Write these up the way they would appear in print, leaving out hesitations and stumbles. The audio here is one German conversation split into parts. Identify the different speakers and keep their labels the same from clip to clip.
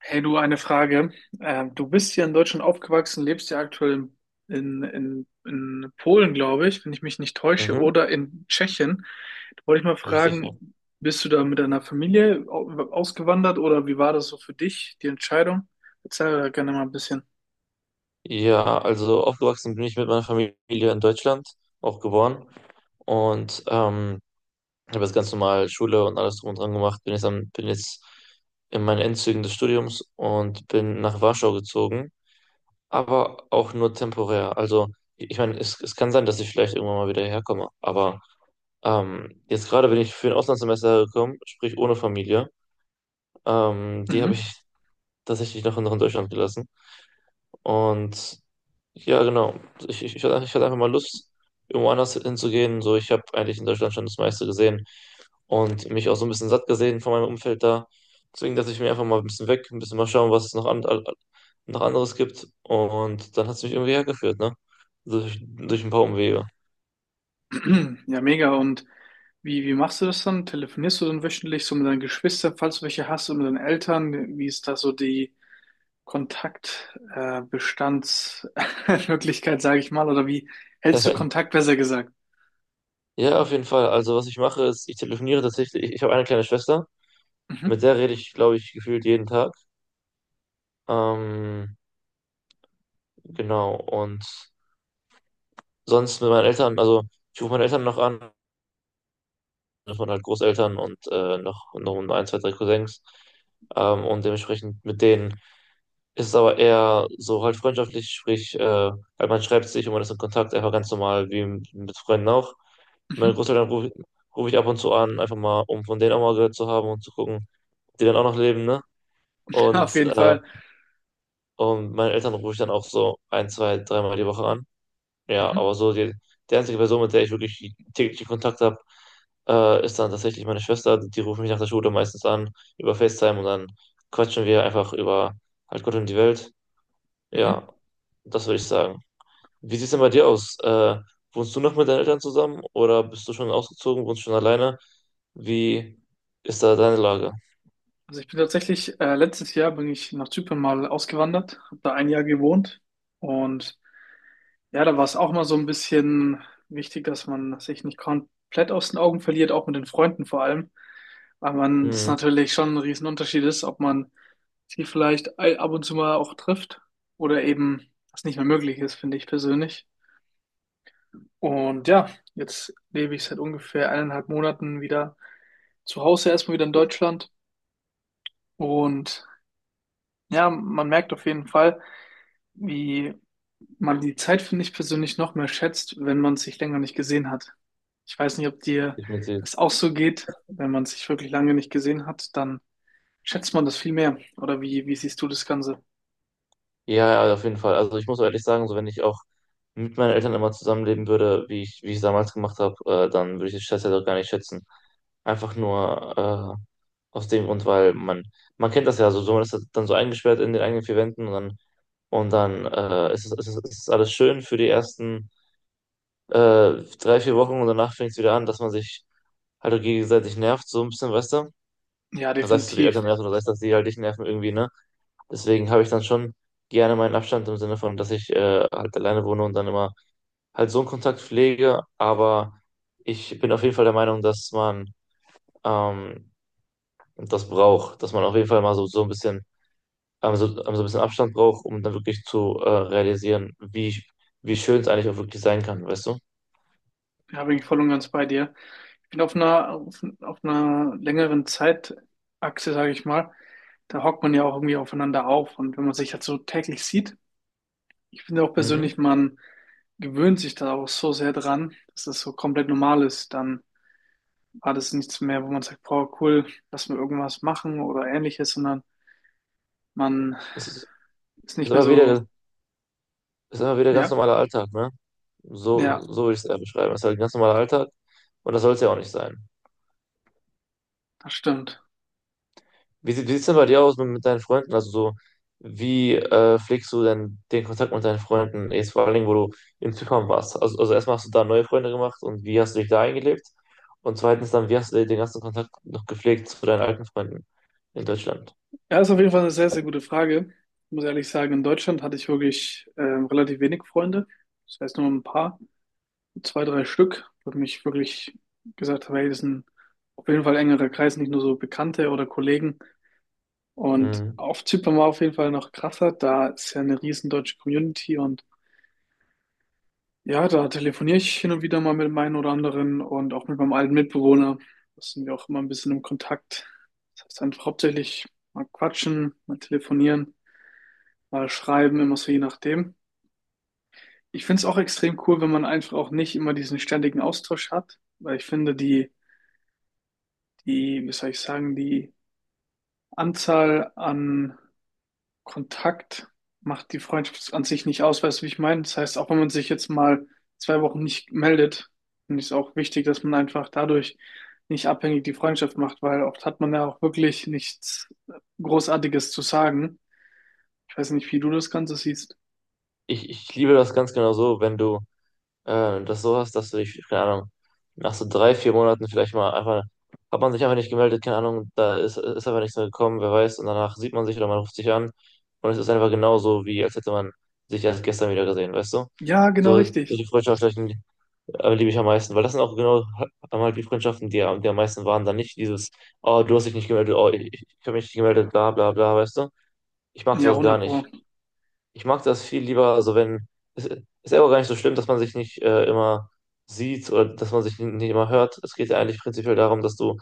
Speaker 1: Hey du, eine Frage. Du bist hier in Deutschland aufgewachsen, lebst ja aktuell in Polen, glaube ich, wenn ich mich nicht täusche,
Speaker 2: Mhm,
Speaker 1: oder in Tschechien. Da wollte ich mal
Speaker 2: richtig. Ja,
Speaker 1: fragen, bist du da mit deiner Familie ausgewandert oder wie war das so für dich, die Entscheidung? Erzähl da gerne mal ein bisschen.
Speaker 2: Ja, also aufgewachsen bin ich mit meiner Familie in Deutschland, auch geboren. Und habe jetzt ganz normal Schule und alles drum und dran gemacht. Bin jetzt in meinen Endzügen des Studiums und bin nach Warschau gezogen, aber auch nur temporär. Also, ich meine, es kann sein, dass ich vielleicht irgendwann mal wieder herkomme, aber jetzt gerade bin ich für ein Auslandssemester gekommen, sprich ohne Familie. Die habe
Speaker 1: Mhm.
Speaker 2: ich tatsächlich noch in Deutschland gelassen. Und ja, genau. Ich hatte einfach mal Lust, irgendwo anders hinzugehen. So, ich habe eigentlich in Deutschland schon das meiste gesehen und mich auch so ein bisschen satt gesehen von meinem Umfeld da. Deswegen dachte ich mir einfach mal ein bisschen weg, ein bisschen mal schauen, was es noch anderes gibt. Und dann hat es mich irgendwie hergeführt, ne? Durch ein paar Umwege.
Speaker 1: Ja, mega. Und wie machst du das dann? Telefonierst du dann wöchentlich so mit deinen Geschwistern, falls du welche hast, und mit deinen Eltern? Wie ist da so die Kontaktbestandsmöglichkeit, sage ich mal, oder wie hältst du Kontakt, besser gesagt?
Speaker 2: Ja, auf jeden Fall. Also, was ich mache, ist, ich telefoniere tatsächlich. Ich habe eine kleine Schwester,
Speaker 1: Mhm,
Speaker 2: mit der rede ich, glaube ich, gefühlt jeden Tag. Ähm, genau. Und sonst mit meinen Eltern, also ich rufe meine Eltern noch an, das waren halt Großeltern und noch ein, zwei, drei Cousins. Und dementsprechend mit denen ist es aber eher so halt freundschaftlich, sprich, halt man schreibt sich und man ist in Kontakt, einfach ganz normal wie mit Freunden auch. Meine
Speaker 1: mhm.
Speaker 2: Großeltern ruf ich ab und zu an, einfach mal, um von denen auch mal gehört zu haben und zu gucken, ob die dann auch noch leben, ne?
Speaker 1: Auf
Speaker 2: Und,
Speaker 1: jeden
Speaker 2: äh,
Speaker 1: Fall.
Speaker 2: und meine Eltern rufe ich dann auch so ein, zwei, dreimal die Woche an. Ja,
Speaker 1: Mhm,
Speaker 2: aber so die einzige Person, mit der ich wirklich täglichen Kontakt habe, ist dann tatsächlich meine Schwester. Die ruft mich nach der Schule meistens an über FaceTime und dann quatschen wir einfach über halt Gott und die Welt.
Speaker 1: mhm.
Speaker 2: Ja, das würde ich sagen. Wie sieht es denn bei dir aus? Wohnst du noch mit deinen Eltern zusammen oder bist du schon ausgezogen, wohnst schon alleine? Wie ist da deine Lage?
Speaker 1: Also ich bin tatsächlich, letztes Jahr bin ich nach Zypern mal ausgewandert, habe da ein Jahr gewohnt und ja, da war es auch mal so ein bisschen wichtig, dass man sich nicht komplett aus den Augen verliert, auch mit den Freunden vor allem, weil man das
Speaker 2: Hm,
Speaker 1: natürlich schon ein Riesenunterschied ist, ob man sie vielleicht ab und zu mal auch trifft oder eben was nicht mehr möglich ist, finde ich persönlich. Und ja, jetzt lebe ich seit ungefähr eineinhalb Monaten wieder zu Hause, erstmal wieder in Deutschland. Und ja, man merkt auf jeden Fall, wie man die Zeit, finde ich persönlich, noch mehr schätzt, wenn man sich länger nicht gesehen hat. Ich weiß nicht, ob dir
Speaker 2: ich mit dir.
Speaker 1: das auch so geht. Wenn man sich wirklich lange nicht gesehen hat, dann schätzt man das viel mehr. Oder wie siehst du das Ganze?
Speaker 2: Ja, ja, auf jeden Fall. Also ich muss ehrlich sagen, so wenn ich auch mit meinen Eltern immer zusammenleben würde, wie ich es damals gemacht habe, dann würde ich den Stress ja doch gar nicht schätzen. Einfach nur aus dem Grund, weil man kennt das ja so, so man ist halt dann so eingesperrt in den eigenen vier Wänden und dann ist es alles schön für die ersten äh, drei, vier Wochen und danach fängt es wieder an, dass man sich halt auch gegenseitig nervt, so ein bisschen, weißt du?
Speaker 1: Ja,
Speaker 2: Sei es, dass du die Eltern
Speaker 1: definitiv.
Speaker 2: nervst oder sei es, dass die halt dich nerven irgendwie, ne? Deswegen habe ich dann schon gerne meinen Abstand im Sinne von, dass ich halt alleine wohne und dann immer halt so einen Kontakt pflege. Aber ich bin auf jeden Fall der Meinung, dass man ähm, das braucht, dass man auf jeden Fall mal so, so ein bisschen Abstand braucht, um dann wirklich zu realisieren, wie, wie schön es eigentlich auch wirklich sein kann, weißt du?
Speaker 1: Ja, bin ich voll und ganz bei dir. Ich bin auf einer längeren Zeitachse, sage ich mal, da hockt man ja auch irgendwie aufeinander auf. Und wenn man sich halt so täglich sieht, ich finde auch
Speaker 2: Mhm.
Speaker 1: persönlich, man gewöhnt sich da auch so sehr dran, dass das so komplett normal ist. Dann war das nichts mehr, wo man sagt, boah, cool, lass mal irgendwas machen oder ähnliches, sondern man
Speaker 2: Es ist,
Speaker 1: ist
Speaker 2: ist
Speaker 1: nicht mehr
Speaker 2: immer
Speaker 1: so,
Speaker 2: wieder, ist immer wieder ganz
Speaker 1: ja,
Speaker 2: normaler Alltag, ne?
Speaker 1: ja,
Speaker 2: So, so würde ich es eher beschreiben. Es ist halt ein ganz normaler Alltag und das soll es ja auch nicht sein.
Speaker 1: das stimmt.
Speaker 2: Wie sieht es denn bei dir aus mit deinen Freunden? Also so, wie pflegst du denn den Kontakt mit deinen Freunden? Jetzt vor allen Dingen, wo du in Zypern warst. Also erstmal hast du da neue Freunde gemacht und wie hast du dich da eingelebt? Und zweitens dann, wie hast du den ganzen Kontakt noch gepflegt zu deinen alten Freunden in Deutschland?
Speaker 1: Ja, ist auf jeden Fall eine sehr, sehr gute Frage. Ich muss ehrlich sagen, in Deutschland hatte ich wirklich relativ wenig Freunde. Das heißt nur ein paar, zwei, drei Stück, wo ich mich wirklich gesagt habe, hey, das ist ein auf jeden Fall engerer Kreis, nicht nur so Bekannte oder Kollegen. Und
Speaker 2: Mhm.
Speaker 1: auf Zypern war auf jeden Fall noch krasser. Da ist ja eine riesen deutsche Community und ja, da telefoniere ich hin und wieder mal mit dem einen oder anderen und auch mit meinem alten Mitbewohner. Da sind wir auch immer ein bisschen im Kontakt. Das heißt einfach hauptsächlich mal quatschen, mal telefonieren, mal schreiben, immer so je nachdem. Ich finde es auch extrem cool, wenn man einfach auch nicht immer diesen ständigen Austausch hat, weil ich finde, wie soll ich sagen, die Anzahl an Kontakt macht die Freundschaft an sich nicht aus, weißt du, wie ich meine? Das heißt, auch wenn man sich jetzt mal zwei Wochen nicht meldet, finde ich es auch wichtig, dass man einfach dadurch nicht abhängig die Freundschaft macht, weil oft hat man ja auch wirklich nichts Großartiges zu sagen. Ich weiß nicht, wie du das Ganze siehst.
Speaker 2: Ich liebe das ganz genau so, wenn du dass du dich, keine Ahnung, nach so drei, vier Monaten vielleicht mal einfach, hat man sich einfach nicht gemeldet, keine Ahnung, da ist einfach nichts mehr gekommen, wer weiß, und danach sieht man sich oder man ruft sich an und es ist einfach genauso, wie als hätte man sich erst gestern wieder gesehen, weißt du?
Speaker 1: Ja, genau
Speaker 2: So,
Speaker 1: richtig.
Speaker 2: solche Freundschaften liebe ich am meisten, weil das sind auch genau einmal die Freundschaften, die am meisten waren, dann nicht dieses, oh, du hast dich nicht gemeldet, oh, ich habe mich nicht gemeldet, bla bla bla, weißt du? Ich mag
Speaker 1: Ja,
Speaker 2: sowas gar
Speaker 1: 100
Speaker 2: nicht.
Speaker 1: Pro.
Speaker 2: Ich mag das viel lieber, also wenn, es ist ja auch gar nicht so schlimm, dass man sich nicht immer sieht oder dass man sich nicht immer hört. Es geht ja eigentlich prinzipiell darum, dass du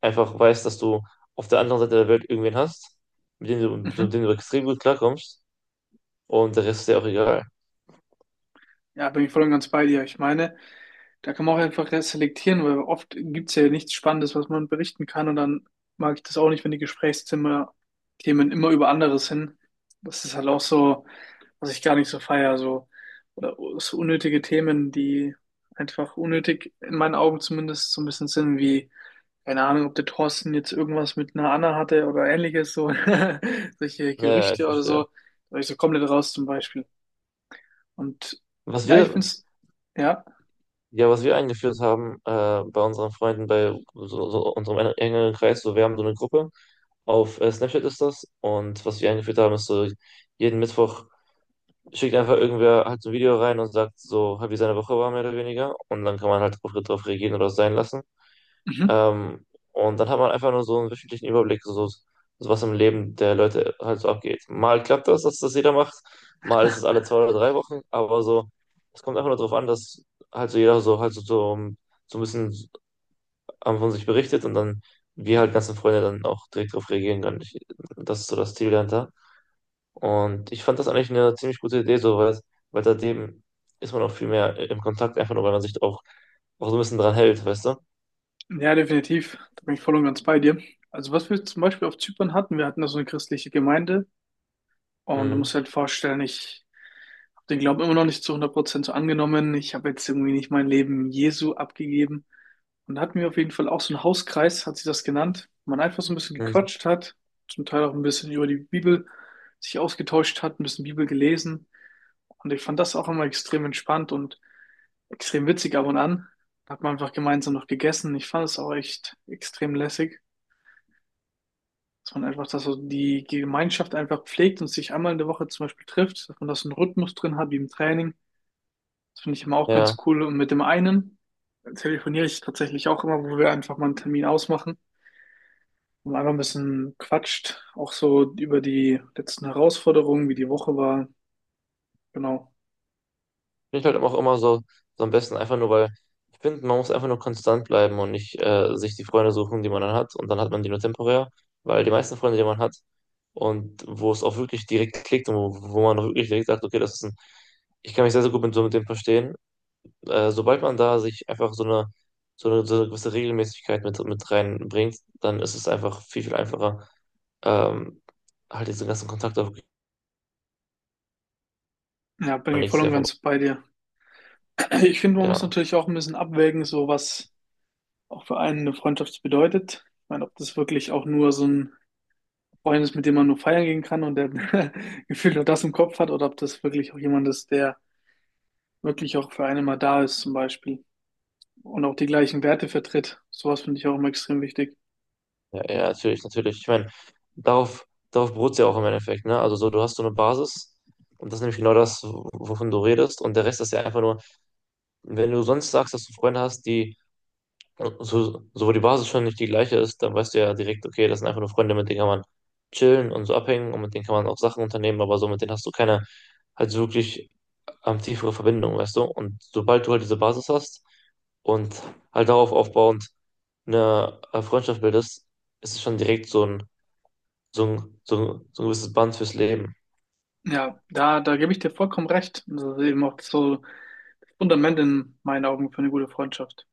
Speaker 2: einfach weißt, dass du auf der anderen Seite der Welt irgendwen hast, mit dem du, mit
Speaker 1: Mhm.
Speaker 2: dem du extrem gut klarkommst und der Rest ist ja auch egal.
Speaker 1: Ja, bin ich voll und ganz bei dir. Ich meine, da kann man auch einfach selektieren, weil oft gibt's ja nichts Spannendes, was man berichten kann. Und dann mag ich das auch nicht, wenn die Gesprächszimmer Themen immer über anderes hin. Das ist halt auch so, was ich gar nicht so feier. So, oder so unnötige Themen, die einfach unnötig, in meinen Augen zumindest, so ein bisschen sind, wie, keine Ahnung, ob der Thorsten jetzt irgendwas mit einer Anna hatte oder ähnliches, so solche
Speaker 2: Naja, ich
Speaker 1: Gerüchte oder
Speaker 2: verstehe.
Speaker 1: so. Da war ich so komplett raus zum Beispiel. Und
Speaker 2: Was
Speaker 1: ja, ich
Speaker 2: wir,
Speaker 1: find's. Ja.
Speaker 2: ja, was wir eingeführt haben bei unseren Freunden, bei so, so unserem engeren Kreis, so wir haben so eine Gruppe, auf Snapchat ist das und was wir eingeführt haben, ist so jeden Mittwoch schickt einfach irgendwer halt so ein Video rein und sagt so, halt, wie seine Woche war, mehr oder weniger. Und dann kann man halt drauf, drauf reagieren oder es sein lassen.
Speaker 1: Mhm.
Speaker 2: Ähm, und dann hat man einfach nur so einen wöchentlichen Überblick, so, so was im Leben der Leute halt so abgeht. Mal klappt das, dass das jeder macht, mal ist es alle zwei oder drei Wochen, aber so, es kommt einfach nur darauf an, dass halt so jeder so halt so ein bisschen von sich berichtet und dann wir halt ganzen Freunde dann auch direkt drauf reagieren können. Ich, das ist so das Ziel dahinter. Und ich fand das eigentlich eine ziemlich gute Idee, so, weil, weil seitdem ist man auch viel mehr im Kontakt, einfach nur, weil man sich auch, auch so ein bisschen dran hält, weißt du?
Speaker 1: Ja, definitiv. Da bin ich voll und ganz bei dir. Also was wir zum Beispiel auf Zypern hatten, wir hatten da so eine christliche Gemeinde und du
Speaker 2: Mhm.
Speaker 1: musst halt vorstellen, ich den Glauben immer noch nicht zu hundert Prozent so angenommen. Ich habe jetzt irgendwie nicht mein Leben Jesu abgegeben. Und da hatten wir auf jeden Fall auch so einen Hauskreis, hat sie das genannt, wo man einfach so ein bisschen
Speaker 2: Mhm.
Speaker 1: gequatscht hat, zum Teil auch ein bisschen über die Bibel sich ausgetauscht hat, ein bisschen Bibel gelesen. Und ich fand das auch immer extrem entspannt und extrem witzig ab und an. Da hat man einfach gemeinsam noch gegessen. Ich fand es auch echt extrem lässig, dass man einfach, dass so die Gemeinschaft einfach pflegt und sich einmal in der Woche zum Beispiel trifft, dass man das einen Rhythmus drin hat, wie im Training. Das finde ich immer auch ganz
Speaker 2: Ja,
Speaker 1: cool. Und mit dem einen telefoniere ich tatsächlich auch immer, wo wir einfach mal einen Termin ausmachen und einfach ein bisschen quatscht. Auch so über die letzten Herausforderungen, wie die Woche war. Genau.
Speaker 2: finde ich halt auch immer so, so am besten, einfach nur, weil ich finde, man muss einfach nur konstant bleiben und nicht sich die Freunde suchen, die man dann hat und dann hat man die nur temporär, weil die meisten Freunde, die man hat und wo es auch wirklich direkt klickt und wo, wo man auch wirklich direkt sagt, okay, das ist ein, ich kann mich sehr, sehr gut mit so mit dem verstehen sobald man da sich einfach so eine gewisse Regelmäßigkeit mit, reinbringt, dann ist es einfach viel, viel einfacher, ähm, halt diesen ganzen Kontakt auf
Speaker 1: Ja, bin ich voll
Speaker 2: nächstes
Speaker 1: und
Speaker 2: Jahr vorbei.
Speaker 1: ganz bei dir. Ich finde, man muss
Speaker 2: Ja,
Speaker 1: natürlich auch ein bisschen abwägen, so was auch für einen eine Freundschaft bedeutet. Ich meine, ob das wirklich auch nur so ein Freund ist, mit dem man nur feiern gehen kann und der gefühlt nur das im Kopf hat, oder ob das wirklich auch jemand ist, der wirklich auch für einen mal da ist, zum Beispiel, und auch die gleichen Werte vertritt. Sowas finde ich auch immer extrem wichtig.
Speaker 2: ja, ja, natürlich, natürlich. Ich meine, darauf beruht es ja auch im Endeffekt, ne? Also so, du hast so eine Basis und das ist nämlich genau das, wovon du redest. Und der Rest ist ja einfach nur, wenn du sonst sagst, dass du Freunde hast, die Und So, so, wo die Basis schon nicht die gleiche ist, dann weißt du ja direkt, okay, das sind einfach nur Freunde, mit denen kann man chillen und so abhängen und mit denen kann man auch Sachen unternehmen, aber so mit denen hast du keine halt so wirklich tiefere Verbindung, weißt du? Und sobald du halt diese Basis hast und halt darauf aufbauend eine Freundschaft bildest, ist es schon direkt so ein, so ein gewisses Band fürs Leben.
Speaker 1: Ja, da gebe ich dir vollkommen recht. Und das ist eben auch so das Fundament in meinen Augen für eine gute Freundschaft.